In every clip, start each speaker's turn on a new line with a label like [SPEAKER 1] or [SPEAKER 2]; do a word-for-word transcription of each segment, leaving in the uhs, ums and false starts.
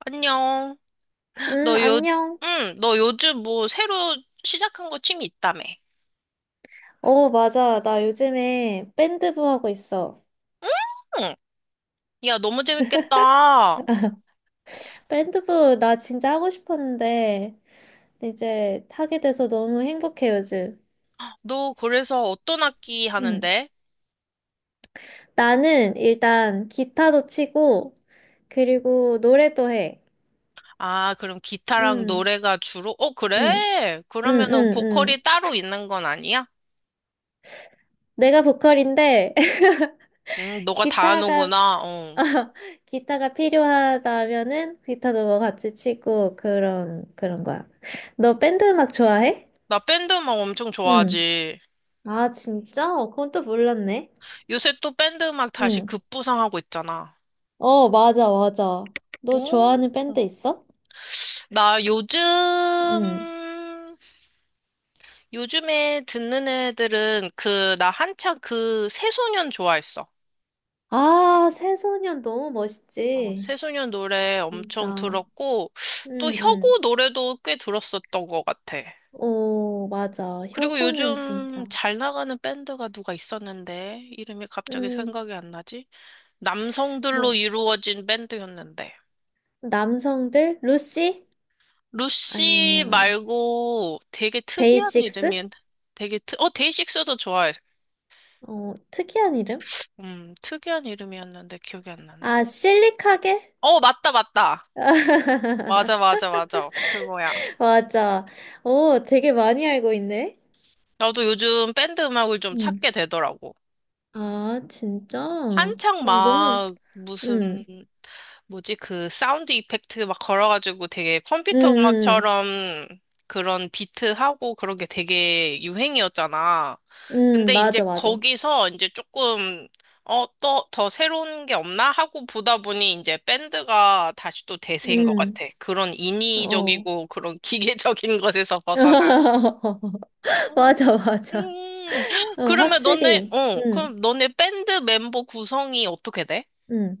[SPEAKER 1] 안녕.
[SPEAKER 2] 응,
[SPEAKER 1] 너 요,
[SPEAKER 2] 안녕.
[SPEAKER 1] 응, 너 요즘 뭐 새로 시작한 거 취미 있다며?
[SPEAKER 2] 어, 맞아. 나 요즘에 밴드부 하고 있어.
[SPEAKER 1] 응. 야, 너무 재밌겠다.
[SPEAKER 2] 밴드부 나 진짜 하고 싶었는데 이제 하게 돼서 너무 행복해 요즘.
[SPEAKER 1] 너 그래서 어떤 악기
[SPEAKER 2] 응.
[SPEAKER 1] 하는데?
[SPEAKER 2] 나는 일단 기타도 치고 그리고 노래도 해.
[SPEAKER 1] 아, 그럼 기타랑
[SPEAKER 2] 응,
[SPEAKER 1] 노래가 주로? 어,
[SPEAKER 2] 응,
[SPEAKER 1] 그래.
[SPEAKER 2] 응,
[SPEAKER 1] 그러면은
[SPEAKER 2] 응, 응.
[SPEAKER 1] 보컬이 따로 있는 건 아니야?
[SPEAKER 2] 내가 보컬인데
[SPEAKER 1] 응, 너가 다
[SPEAKER 2] 기타가
[SPEAKER 1] 하는구나. 어.
[SPEAKER 2] 기타가 필요하다면은 기타도 뭐 같이 치고 그런 그런 거야. 너 밴드 음악 좋아해?
[SPEAKER 1] 나 밴드 음악 엄청
[SPEAKER 2] 응.
[SPEAKER 1] 좋아하지.
[SPEAKER 2] 아, 진짜? 어, 그건 또 몰랐네.
[SPEAKER 1] 요새 또 밴드 음악 다시
[SPEAKER 2] 응.
[SPEAKER 1] 급부상하고 있잖아.
[SPEAKER 2] 어, 맞아, 맞아. 너
[SPEAKER 1] 오.
[SPEAKER 2] 좋아하는 밴드 있어?
[SPEAKER 1] 나 요즘
[SPEAKER 2] 응.
[SPEAKER 1] 요즘에 듣는 애들은 그, 나 한창 그 새소년 좋아했어.
[SPEAKER 2] 아, 새소년 너무
[SPEAKER 1] 어,
[SPEAKER 2] 멋있지.
[SPEAKER 1] 새소년 노래 엄청
[SPEAKER 2] 진짜.
[SPEAKER 1] 들었고, 또
[SPEAKER 2] 응,
[SPEAKER 1] 혁오
[SPEAKER 2] 응.
[SPEAKER 1] 노래도 꽤 들었었던 것 같아.
[SPEAKER 2] 오, 맞아.
[SPEAKER 1] 그리고
[SPEAKER 2] 혁오는
[SPEAKER 1] 요즘
[SPEAKER 2] 진짜.
[SPEAKER 1] 잘 나가는 밴드가 누가 있었는데, 이름이 갑자기
[SPEAKER 2] 음,
[SPEAKER 1] 생각이 안 나지? 남성들로
[SPEAKER 2] 뭐,
[SPEAKER 1] 이루어진 밴드였는데.
[SPEAKER 2] 남성들? 루시?
[SPEAKER 1] 루시
[SPEAKER 2] 아니면,
[SPEAKER 1] 말고 되게 특이한
[SPEAKER 2] 데이식스?
[SPEAKER 1] 이름이, 되게 특, 어, 데이식스도 좋아해.
[SPEAKER 2] 어, 특이한 이름?
[SPEAKER 1] 음, 특이한 이름이었는데 기억이 안 나네.
[SPEAKER 2] 아, 실리카겔?
[SPEAKER 1] 어, 맞다, 맞다. 맞아, 맞아, 맞아. 그거야.
[SPEAKER 2] 맞아. 오, 되게 많이 알고 있네.
[SPEAKER 1] 나도 요즘 밴드 음악을 좀
[SPEAKER 2] 음.
[SPEAKER 1] 찾게 되더라고.
[SPEAKER 2] 아, 진짜? 어,
[SPEAKER 1] 한창
[SPEAKER 2] 너무,
[SPEAKER 1] 막 무슨
[SPEAKER 2] 응,
[SPEAKER 1] 뭐지 그 사운드 이펙트 막 걸어가지고 되게
[SPEAKER 2] 응,
[SPEAKER 1] 컴퓨터
[SPEAKER 2] 응,
[SPEAKER 1] 음악처럼 그런 비트하고 그런 게 되게 유행이었잖아.
[SPEAKER 2] 응, 응,
[SPEAKER 1] 근데 이제
[SPEAKER 2] 맞아, 맞아.
[SPEAKER 1] 거기서 이제 조금 어, 또 더 새로운 게 없나 하고 보다 보니 이제 밴드가 다시 또 대세인 것
[SPEAKER 2] 응,
[SPEAKER 1] 같아. 그런
[SPEAKER 2] 어.
[SPEAKER 1] 인위적이고 그런 기계적인 것에서 벗어난.
[SPEAKER 2] 맞아, 맞아.
[SPEAKER 1] 음,
[SPEAKER 2] 어,
[SPEAKER 1] 그러면 너네,
[SPEAKER 2] 확실히,
[SPEAKER 1] 어,
[SPEAKER 2] 응,
[SPEAKER 1] 그럼 너네 밴드 멤버 구성이 어떻게 돼?
[SPEAKER 2] 응.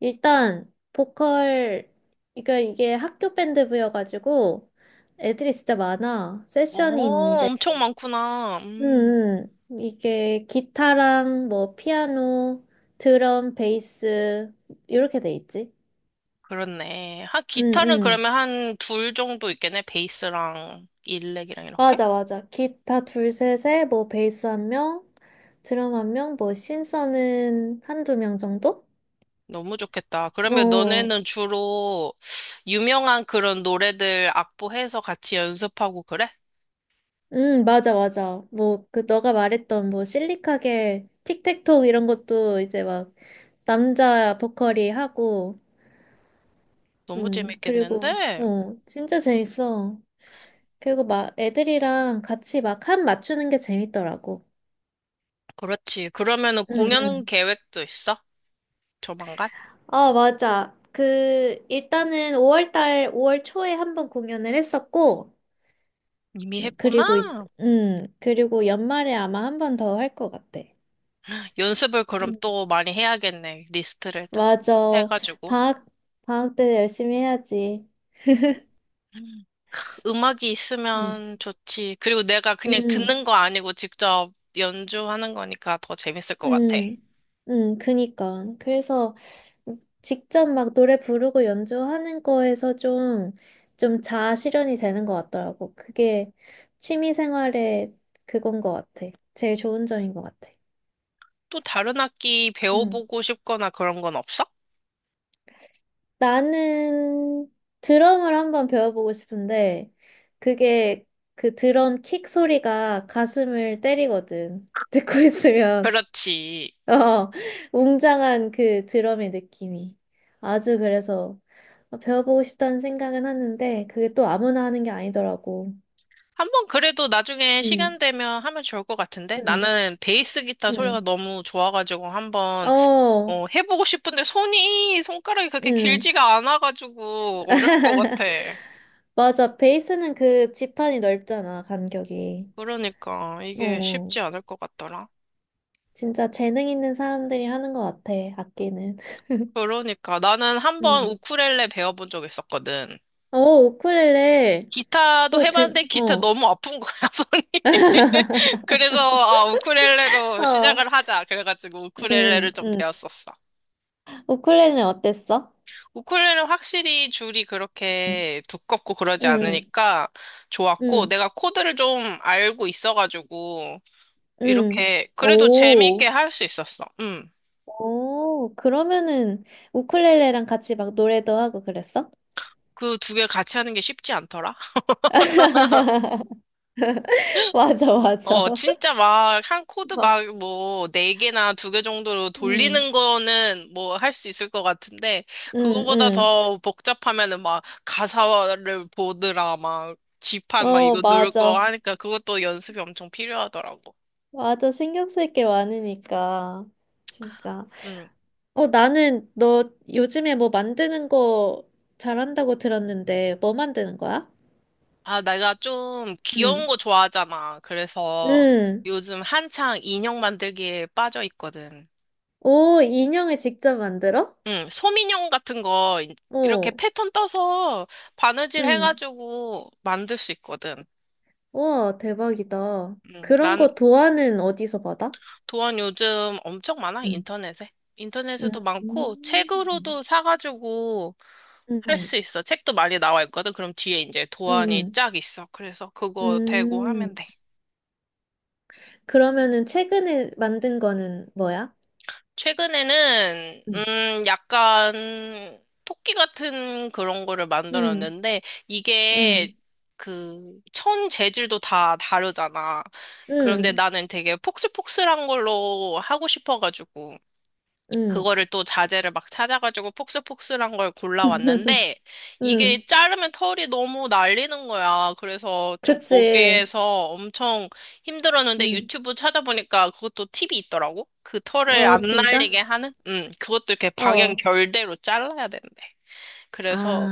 [SPEAKER 2] 일단, 보컬, 그러니까 이게 학교 밴드부여가지고, 애들이 진짜 많아. 세션이
[SPEAKER 1] 어,
[SPEAKER 2] 있는데,
[SPEAKER 1] 엄청 많구나. 음,
[SPEAKER 2] 응, 응. 이게 기타랑 뭐, 피아노, 드럼, 베이스, 이렇게 돼 있지.
[SPEAKER 1] 그렇네. 한,
[SPEAKER 2] 응,
[SPEAKER 1] 기타는
[SPEAKER 2] 응.
[SPEAKER 1] 그러면 한 둘 정도 있겠네. 베이스랑 일렉이랑 이렇게?
[SPEAKER 2] 맞아, 맞아. 기타 둘, 셋에 뭐 베이스 한 명, 드럼 한 명, 뭐 신서는 한두 명 정도?
[SPEAKER 1] 너무 좋겠다. 그러면
[SPEAKER 2] 어,
[SPEAKER 1] 너네는 주로 유명한 그런 노래들 악보해서 같이 연습하고 그래?
[SPEAKER 2] 음, 맞아, 맞아. 뭐 그 너가 말했던 뭐 실리카겔, 틱택톡 이런 것도 이제 막 남자 보컬이 하고,
[SPEAKER 1] 너무
[SPEAKER 2] 음, 그리고
[SPEAKER 1] 재밌겠는데?
[SPEAKER 2] 어, 진짜 재밌어. 그리고 막 애들이랑 같이 막 한 맞추는 게 재밌더라고.
[SPEAKER 1] 그렇지. 그러면은
[SPEAKER 2] 응,
[SPEAKER 1] 공연
[SPEAKER 2] 응.
[SPEAKER 1] 계획도 있어? 조만간?
[SPEAKER 2] 아, 맞아. 그, 일단은 오월 달, 오월 초에 한 번 공연을 했었고,
[SPEAKER 1] 이미 했구나.
[SPEAKER 2] 그리고, 이- 음, 그리고 연말에 아마 한 번 더 할 것 같아.
[SPEAKER 1] 연습을 그럼
[SPEAKER 2] 음,
[SPEAKER 1] 또 많이 해야겠네. 리스트를 딱
[SPEAKER 2] 맞아.
[SPEAKER 1] 해가지고.
[SPEAKER 2] 방학, 방학 때 열심히 해야지.
[SPEAKER 1] 음. 음악이
[SPEAKER 2] 음.
[SPEAKER 1] 있으면 좋지. 그리고 내가 그냥
[SPEAKER 2] 음,
[SPEAKER 1] 듣는 거 아니고 직접 연주하는 거니까 더 재밌을 것 같아.
[SPEAKER 2] 음, 음, 그니까. 그래서 직접 막 노래 부르고 연주하는 거에서 좀, 좀 자아 실현이 되는 것 같더라고. 그게 취미 생활의 그건 것 같아. 제일 좋은 점인 것 같아.
[SPEAKER 1] 또 다른 악기
[SPEAKER 2] 음.
[SPEAKER 1] 배워보고 싶거나 그런 건 없어?
[SPEAKER 2] 나는 드럼을 한번 배워보고 싶은데, 그게 그 드럼 킥 소리가 가슴을 때리거든. 듣고 있으면.
[SPEAKER 1] 그렇지.
[SPEAKER 2] 어, 웅장한 그 드럼의 느낌이. 아주 그래서 배워보고 싶다는 생각은 하는데, 그게 또 아무나 하는 게 아니더라고.
[SPEAKER 1] 한번 그래도 나중에
[SPEAKER 2] 음,
[SPEAKER 1] 시간 되면 하면 좋을 것 같은데?
[SPEAKER 2] 음,
[SPEAKER 1] 나는 베이스 기타 소리가
[SPEAKER 2] 음.
[SPEAKER 1] 너무 좋아가지고 한번
[SPEAKER 2] 어,
[SPEAKER 1] 어, 해보고 싶은데 손이, 손가락이 그렇게
[SPEAKER 2] 음.
[SPEAKER 1] 길지가 않아가지고 어려울 것 같아.
[SPEAKER 2] 맞아. 베이스는 그 지판이 넓잖아, 간격이.
[SPEAKER 1] 그러니까 이게
[SPEAKER 2] 어.
[SPEAKER 1] 쉽지 않을 것 같더라.
[SPEAKER 2] 진짜 재능 있는 사람들이 하는 것 같아, 악기는.
[SPEAKER 1] 그러니까 나는 한 번
[SPEAKER 2] 음.
[SPEAKER 1] 우쿨렐레 배워본 적 있었거든.
[SPEAKER 2] 어, 우쿨렐레.
[SPEAKER 1] 기타도
[SPEAKER 2] 그거 재,
[SPEAKER 1] 해봤는데 기타
[SPEAKER 2] 어.
[SPEAKER 1] 너무 아픈 거야, 손이. 그래서 아, 우쿨렐레로
[SPEAKER 2] 어,
[SPEAKER 1] 시작을 하자. 그래가지고 우쿨렐레를
[SPEAKER 2] 음,
[SPEAKER 1] 좀
[SPEAKER 2] 음.
[SPEAKER 1] 배웠었어.
[SPEAKER 2] 우쿨렐레는 어땠어?
[SPEAKER 1] 우쿨렐레는 확실히 줄이
[SPEAKER 2] 음,
[SPEAKER 1] 그렇게 두껍고 그러지
[SPEAKER 2] 음,
[SPEAKER 1] 않으니까 좋았고
[SPEAKER 2] 음,
[SPEAKER 1] 내가 코드를 좀 알고 있어가지고
[SPEAKER 2] 음.
[SPEAKER 1] 이렇게 그래도 재미있게
[SPEAKER 2] 오,
[SPEAKER 1] 할 수 있었어. 음.
[SPEAKER 2] 오. 그러면은 우쿨렐레랑 같이 막 노래도 하고 그랬어?
[SPEAKER 1] 그 두 개 같이 하는 게 쉽지 않더라.
[SPEAKER 2] 맞아, 맞아.
[SPEAKER 1] 어,
[SPEAKER 2] 어.
[SPEAKER 1] 진짜 막, 한 코드 막, 뭐, 네 개나 두 개 정도로
[SPEAKER 2] 음,
[SPEAKER 1] 돌리는 거는 뭐, 할 수 있을 것 같은데,
[SPEAKER 2] 음,
[SPEAKER 1] 그거보다
[SPEAKER 2] 음.
[SPEAKER 1] 더 복잡하면은 막, 가사를 보느라 막, 지판 막
[SPEAKER 2] 어,
[SPEAKER 1] 이거 누를 거
[SPEAKER 2] 맞아.
[SPEAKER 1] 하니까 그것도 연습이 엄청 필요하더라고.
[SPEAKER 2] 맞아. 신경 쓸 게 많으니까. 진짜.
[SPEAKER 1] 음.
[SPEAKER 2] 어, 나는 너 요즘에 뭐 만드는 거 잘한다고 들었는데, 뭐 만드는 거야?
[SPEAKER 1] 아, 내가 좀 귀여운
[SPEAKER 2] 응.
[SPEAKER 1] 거 좋아하잖아. 그래서
[SPEAKER 2] 응.
[SPEAKER 1] 요즘 한창 인형 만들기에 빠져 있거든.
[SPEAKER 2] 오, 인형을 직접 만들어?
[SPEAKER 1] 응, 솜인형 같은 거 이렇게
[SPEAKER 2] 어,
[SPEAKER 1] 패턴 떠서 바느질
[SPEAKER 2] 응.
[SPEAKER 1] 해가지고 만들 수 있거든.
[SPEAKER 2] 와, 대박이다.
[SPEAKER 1] 음,
[SPEAKER 2] 그런
[SPEAKER 1] 난
[SPEAKER 2] 거 도안은 어디서 받아?
[SPEAKER 1] 도안 요즘 엄청 많아,
[SPEAKER 2] 응.
[SPEAKER 1] 인터넷에.
[SPEAKER 2] 응.
[SPEAKER 1] 인터넷에도 많고,
[SPEAKER 2] 음.
[SPEAKER 1] 책으로도 사가지고 할
[SPEAKER 2] 응.
[SPEAKER 1] 수 있어. 책도 많이 나와 있거든. 그럼 뒤에 이제 도안이
[SPEAKER 2] 응.
[SPEAKER 1] 쫙 있어. 그래서 그거 대고 하면
[SPEAKER 2] 음.
[SPEAKER 1] 돼.
[SPEAKER 2] 그러면은 최근에 만든 거는 뭐야?
[SPEAKER 1] 최근에는,
[SPEAKER 2] 응.
[SPEAKER 1] 음, 약간 토끼 같은 그런 거를
[SPEAKER 2] 응.
[SPEAKER 1] 만들었는데, 이게
[SPEAKER 2] 응.
[SPEAKER 1] 그 천 재질도 다 다르잖아. 그런데
[SPEAKER 2] 응.
[SPEAKER 1] 나는 되게 폭슬폭슬한 걸로 하고 싶어가지고.
[SPEAKER 2] 응.
[SPEAKER 1] 그거를 또 자재를 막 찾아가지고 폭스폭스한 걸 골라왔는데
[SPEAKER 2] 응.
[SPEAKER 1] 이게 자르면 털이 너무 날리는 거야. 그래서 좀
[SPEAKER 2] 그치.
[SPEAKER 1] 거기에서 엄청 힘들었는데
[SPEAKER 2] 응.
[SPEAKER 1] 유튜브 찾아보니까 그것도 팁이 있더라고. 그 털을 안
[SPEAKER 2] 어, 진짜?
[SPEAKER 1] 날리게 하는? 음, 그것도 이렇게 방향
[SPEAKER 2] 어.
[SPEAKER 1] 결대로 잘라야 된대. 그래서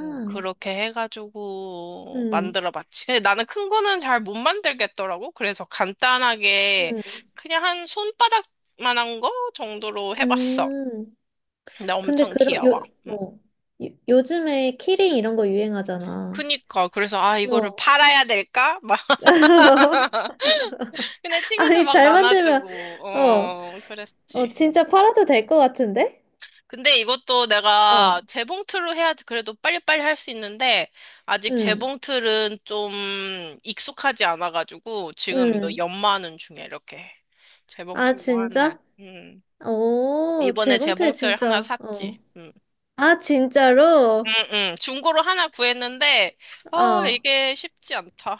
[SPEAKER 1] 음, 그렇게 해가지고
[SPEAKER 2] 음.
[SPEAKER 1] 만들어봤지. 근데 나는 큰 거는 잘 못 만들겠더라고. 그래서 간단하게
[SPEAKER 2] 음.
[SPEAKER 1] 그냥 한 손바닥 만한 거 정도로 해봤어.
[SPEAKER 2] 음.
[SPEAKER 1] 나
[SPEAKER 2] 근데
[SPEAKER 1] 엄청
[SPEAKER 2] 그런
[SPEAKER 1] 귀여워.
[SPEAKER 2] 요
[SPEAKER 1] 음.
[SPEAKER 2] 어. 요, 요즘에 키링 이런 거 유행하잖아.
[SPEAKER 1] 그니까 그래서 아, 이거를
[SPEAKER 2] 어.
[SPEAKER 1] 팔아야 될까? 막 근데 친구들
[SPEAKER 2] 아니
[SPEAKER 1] 막
[SPEAKER 2] 잘 만들면
[SPEAKER 1] 나눠주고
[SPEAKER 2] 어.
[SPEAKER 1] 어
[SPEAKER 2] 어
[SPEAKER 1] 그랬지.
[SPEAKER 2] 진짜 팔아도 될 것 같은데?
[SPEAKER 1] 근데 이것도
[SPEAKER 2] 어.
[SPEAKER 1] 내가 재봉틀로 해야지 그래도 빨리빨리 할 수 있는데 아직
[SPEAKER 2] 음.
[SPEAKER 1] 재봉틀은 좀 익숙하지 않아가지고 지금 이거
[SPEAKER 2] 음.
[SPEAKER 1] 연마하는 중이야, 이렇게
[SPEAKER 2] 아
[SPEAKER 1] 재봉틀로 하는.
[SPEAKER 2] 진짜?
[SPEAKER 1] 음.
[SPEAKER 2] 오,
[SPEAKER 1] 이번에
[SPEAKER 2] 재봉틀
[SPEAKER 1] 재봉틀 하나
[SPEAKER 2] 진짜.
[SPEAKER 1] 샀지.
[SPEAKER 2] 어.
[SPEAKER 1] 음.
[SPEAKER 2] 아
[SPEAKER 1] 음,
[SPEAKER 2] 진짜로?
[SPEAKER 1] 음. 중고로 하나 구했는데 아,
[SPEAKER 2] 어.
[SPEAKER 1] 이게 쉽지 않다.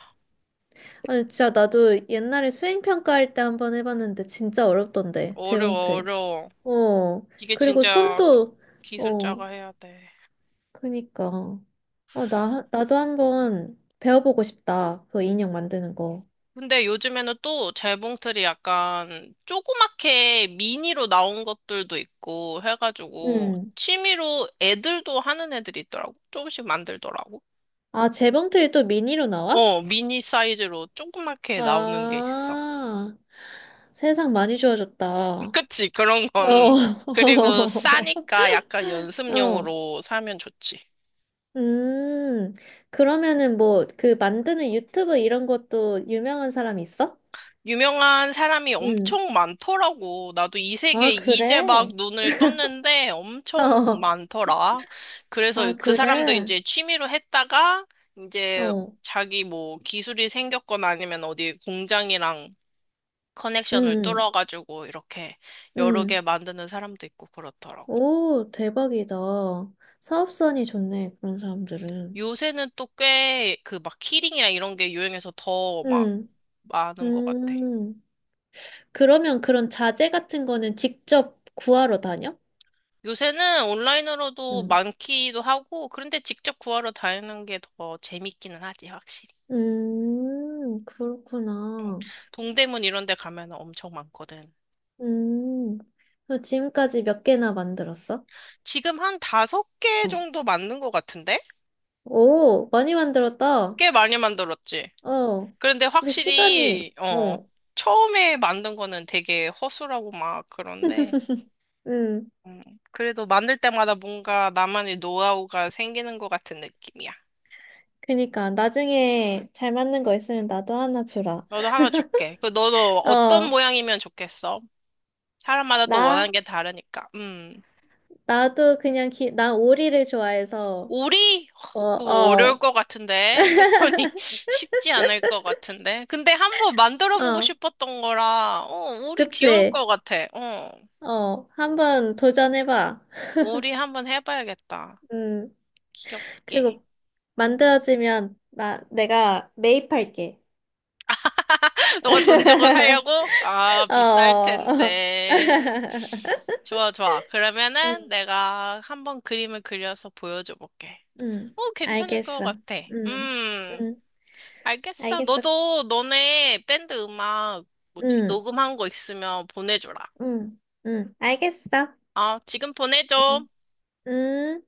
[SPEAKER 2] 아니 진짜 나도 옛날에 수행평가할 때 한번 해봤는데 진짜 어렵던데
[SPEAKER 1] 어려워,
[SPEAKER 2] 재봉틀.
[SPEAKER 1] 어려워.
[SPEAKER 2] 어,
[SPEAKER 1] 이게
[SPEAKER 2] 그리고
[SPEAKER 1] 진짜
[SPEAKER 2] 손도, 어,
[SPEAKER 1] 기술자가 해야 돼.
[SPEAKER 2] 그니까. 어, 나, 나도 한번 배워보고 싶다. 그 인형 만드는 거.
[SPEAKER 1] 근데 요즘에는 또 재봉틀이 약간 조그맣게 미니로 나온 것들도 있고 해가지고
[SPEAKER 2] 응.
[SPEAKER 1] 취미로 애들도 하는 애들이 있더라고. 조금씩 만들더라고.
[SPEAKER 2] 아, 재봉틀이 또 미니로 나와?
[SPEAKER 1] 어, 미니 사이즈로 조그맣게 나오는 게 있어.
[SPEAKER 2] 아, 세상 많이 좋아졌다.
[SPEAKER 1] 그치, 그런
[SPEAKER 2] 어.
[SPEAKER 1] 건. 그리고 싸니까 약간
[SPEAKER 2] 어.
[SPEAKER 1] 연습용으로 사면 좋지.
[SPEAKER 2] 음, 그러면은 뭐, 그 만드는 유튜브 이런 것도 유명한 사람 있어?
[SPEAKER 1] 유명한 사람이
[SPEAKER 2] 응.
[SPEAKER 1] 엄청 많더라고. 나도 이
[SPEAKER 2] 아,
[SPEAKER 1] 세계에 이제 막
[SPEAKER 2] 그래?
[SPEAKER 1] 눈을 떴는데 엄청
[SPEAKER 2] 어.
[SPEAKER 1] 많더라. 그래서
[SPEAKER 2] 아,
[SPEAKER 1] 그 사람도
[SPEAKER 2] 그래?
[SPEAKER 1] 이제 취미로 했다가 이제
[SPEAKER 2] 어.
[SPEAKER 1] 자기 뭐 기술이 생겼거나 아니면 어디 공장이랑
[SPEAKER 2] 응.
[SPEAKER 1] 커넥션을
[SPEAKER 2] 응.
[SPEAKER 1] 뚫어가지고 이렇게 여러
[SPEAKER 2] 응.
[SPEAKER 1] 개 만드는 사람도 있고 그렇더라고.
[SPEAKER 2] 오, 대박이다. 사업성이 좋네, 그런 사람들은.
[SPEAKER 1] 요새는 또 꽤 그 막 키링이나 이런 게 유행해서 더 막
[SPEAKER 2] 응.
[SPEAKER 1] 많은 것 같아.
[SPEAKER 2] 음. 그러면 그런 자재 같은 거는 직접 구하러 다녀?
[SPEAKER 1] 요새는 온라인으로도
[SPEAKER 2] 응.
[SPEAKER 1] 많기도 하고, 그런데 직접 구하러 다니는 게 더 재밌기는 하지, 확실히.
[SPEAKER 2] 음, 그렇구나.
[SPEAKER 1] 동대문 이런 데 가면 엄청 많거든.
[SPEAKER 2] 음. 그럼 지금까지 몇 개나 만들었어?
[SPEAKER 1] 지금 한 다섯 개
[SPEAKER 2] 어.
[SPEAKER 1] 정도 만든 것 같은데?
[SPEAKER 2] 오, 많이 만들었다.
[SPEAKER 1] 꽤 많이 만들었지.
[SPEAKER 2] 어.
[SPEAKER 1] 그런데
[SPEAKER 2] 근데 시간이,
[SPEAKER 1] 확실히, 어,
[SPEAKER 2] 어.
[SPEAKER 1] 처음에 만든 거는 되게 허술하고 막 그런데,
[SPEAKER 2] 음.
[SPEAKER 1] 음, 그래도 만들 때마다 뭔가 나만의 노하우가 생기는 것 같은 느낌이야.
[SPEAKER 2] 그니까, 나중에 잘 맞는 거 있으면 나도 하나 주라.
[SPEAKER 1] 너도 하나 줄게. 그 너도 어떤
[SPEAKER 2] 어.
[SPEAKER 1] 모양이면 좋겠어? 사람마다 또
[SPEAKER 2] 나?
[SPEAKER 1] 원하는 게 다르니까. 음.
[SPEAKER 2] 나도 그냥 기, 난 오리를 좋아해서,
[SPEAKER 1] 오리?
[SPEAKER 2] 어,
[SPEAKER 1] 그 어려울
[SPEAKER 2] 어,
[SPEAKER 1] 것 같은데. 패턴이 쉽지 않을 것 같은데. 근데 한번 만들어 보고
[SPEAKER 2] 어,
[SPEAKER 1] 싶었던 거라, 어, 오리 귀여울
[SPEAKER 2] 그치?
[SPEAKER 1] 것 같아. 어,
[SPEAKER 2] 어, 한번 도전해봐.
[SPEAKER 1] 오리 한번 해봐야겠다.
[SPEAKER 2] 음,
[SPEAKER 1] 귀엽게.
[SPEAKER 2] 그리고
[SPEAKER 1] 음.
[SPEAKER 2] 만들어지면 나, 내가 매입할게.
[SPEAKER 1] 너가 돈 주고 살려고? 아,
[SPEAKER 2] 어,
[SPEAKER 1] 비쌀
[SPEAKER 2] 어.
[SPEAKER 1] 텐데. 좋아, 좋아.
[SPEAKER 2] 음,
[SPEAKER 1] 그러면은 내가 한번 그림을 그려서 보여줘 볼게.
[SPEAKER 2] 음,
[SPEAKER 1] 어, 괜찮을 것
[SPEAKER 2] 알겠어.
[SPEAKER 1] 같아.
[SPEAKER 2] 음,
[SPEAKER 1] 음.
[SPEAKER 2] 음,
[SPEAKER 1] 알겠어.
[SPEAKER 2] 알겠어.
[SPEAKER 1] 너도 너네 밴드 음악 뭐지?
[SPEAKER 2] 음,
[SPEAKER 1] 녹음한 거 있으면 보내줘라.
[SPEAKER 2] 음, 음, 알겠어.
[SPEAKER 1] 어, 지금 보내줘.
[SPEAKER 2] 음, 음.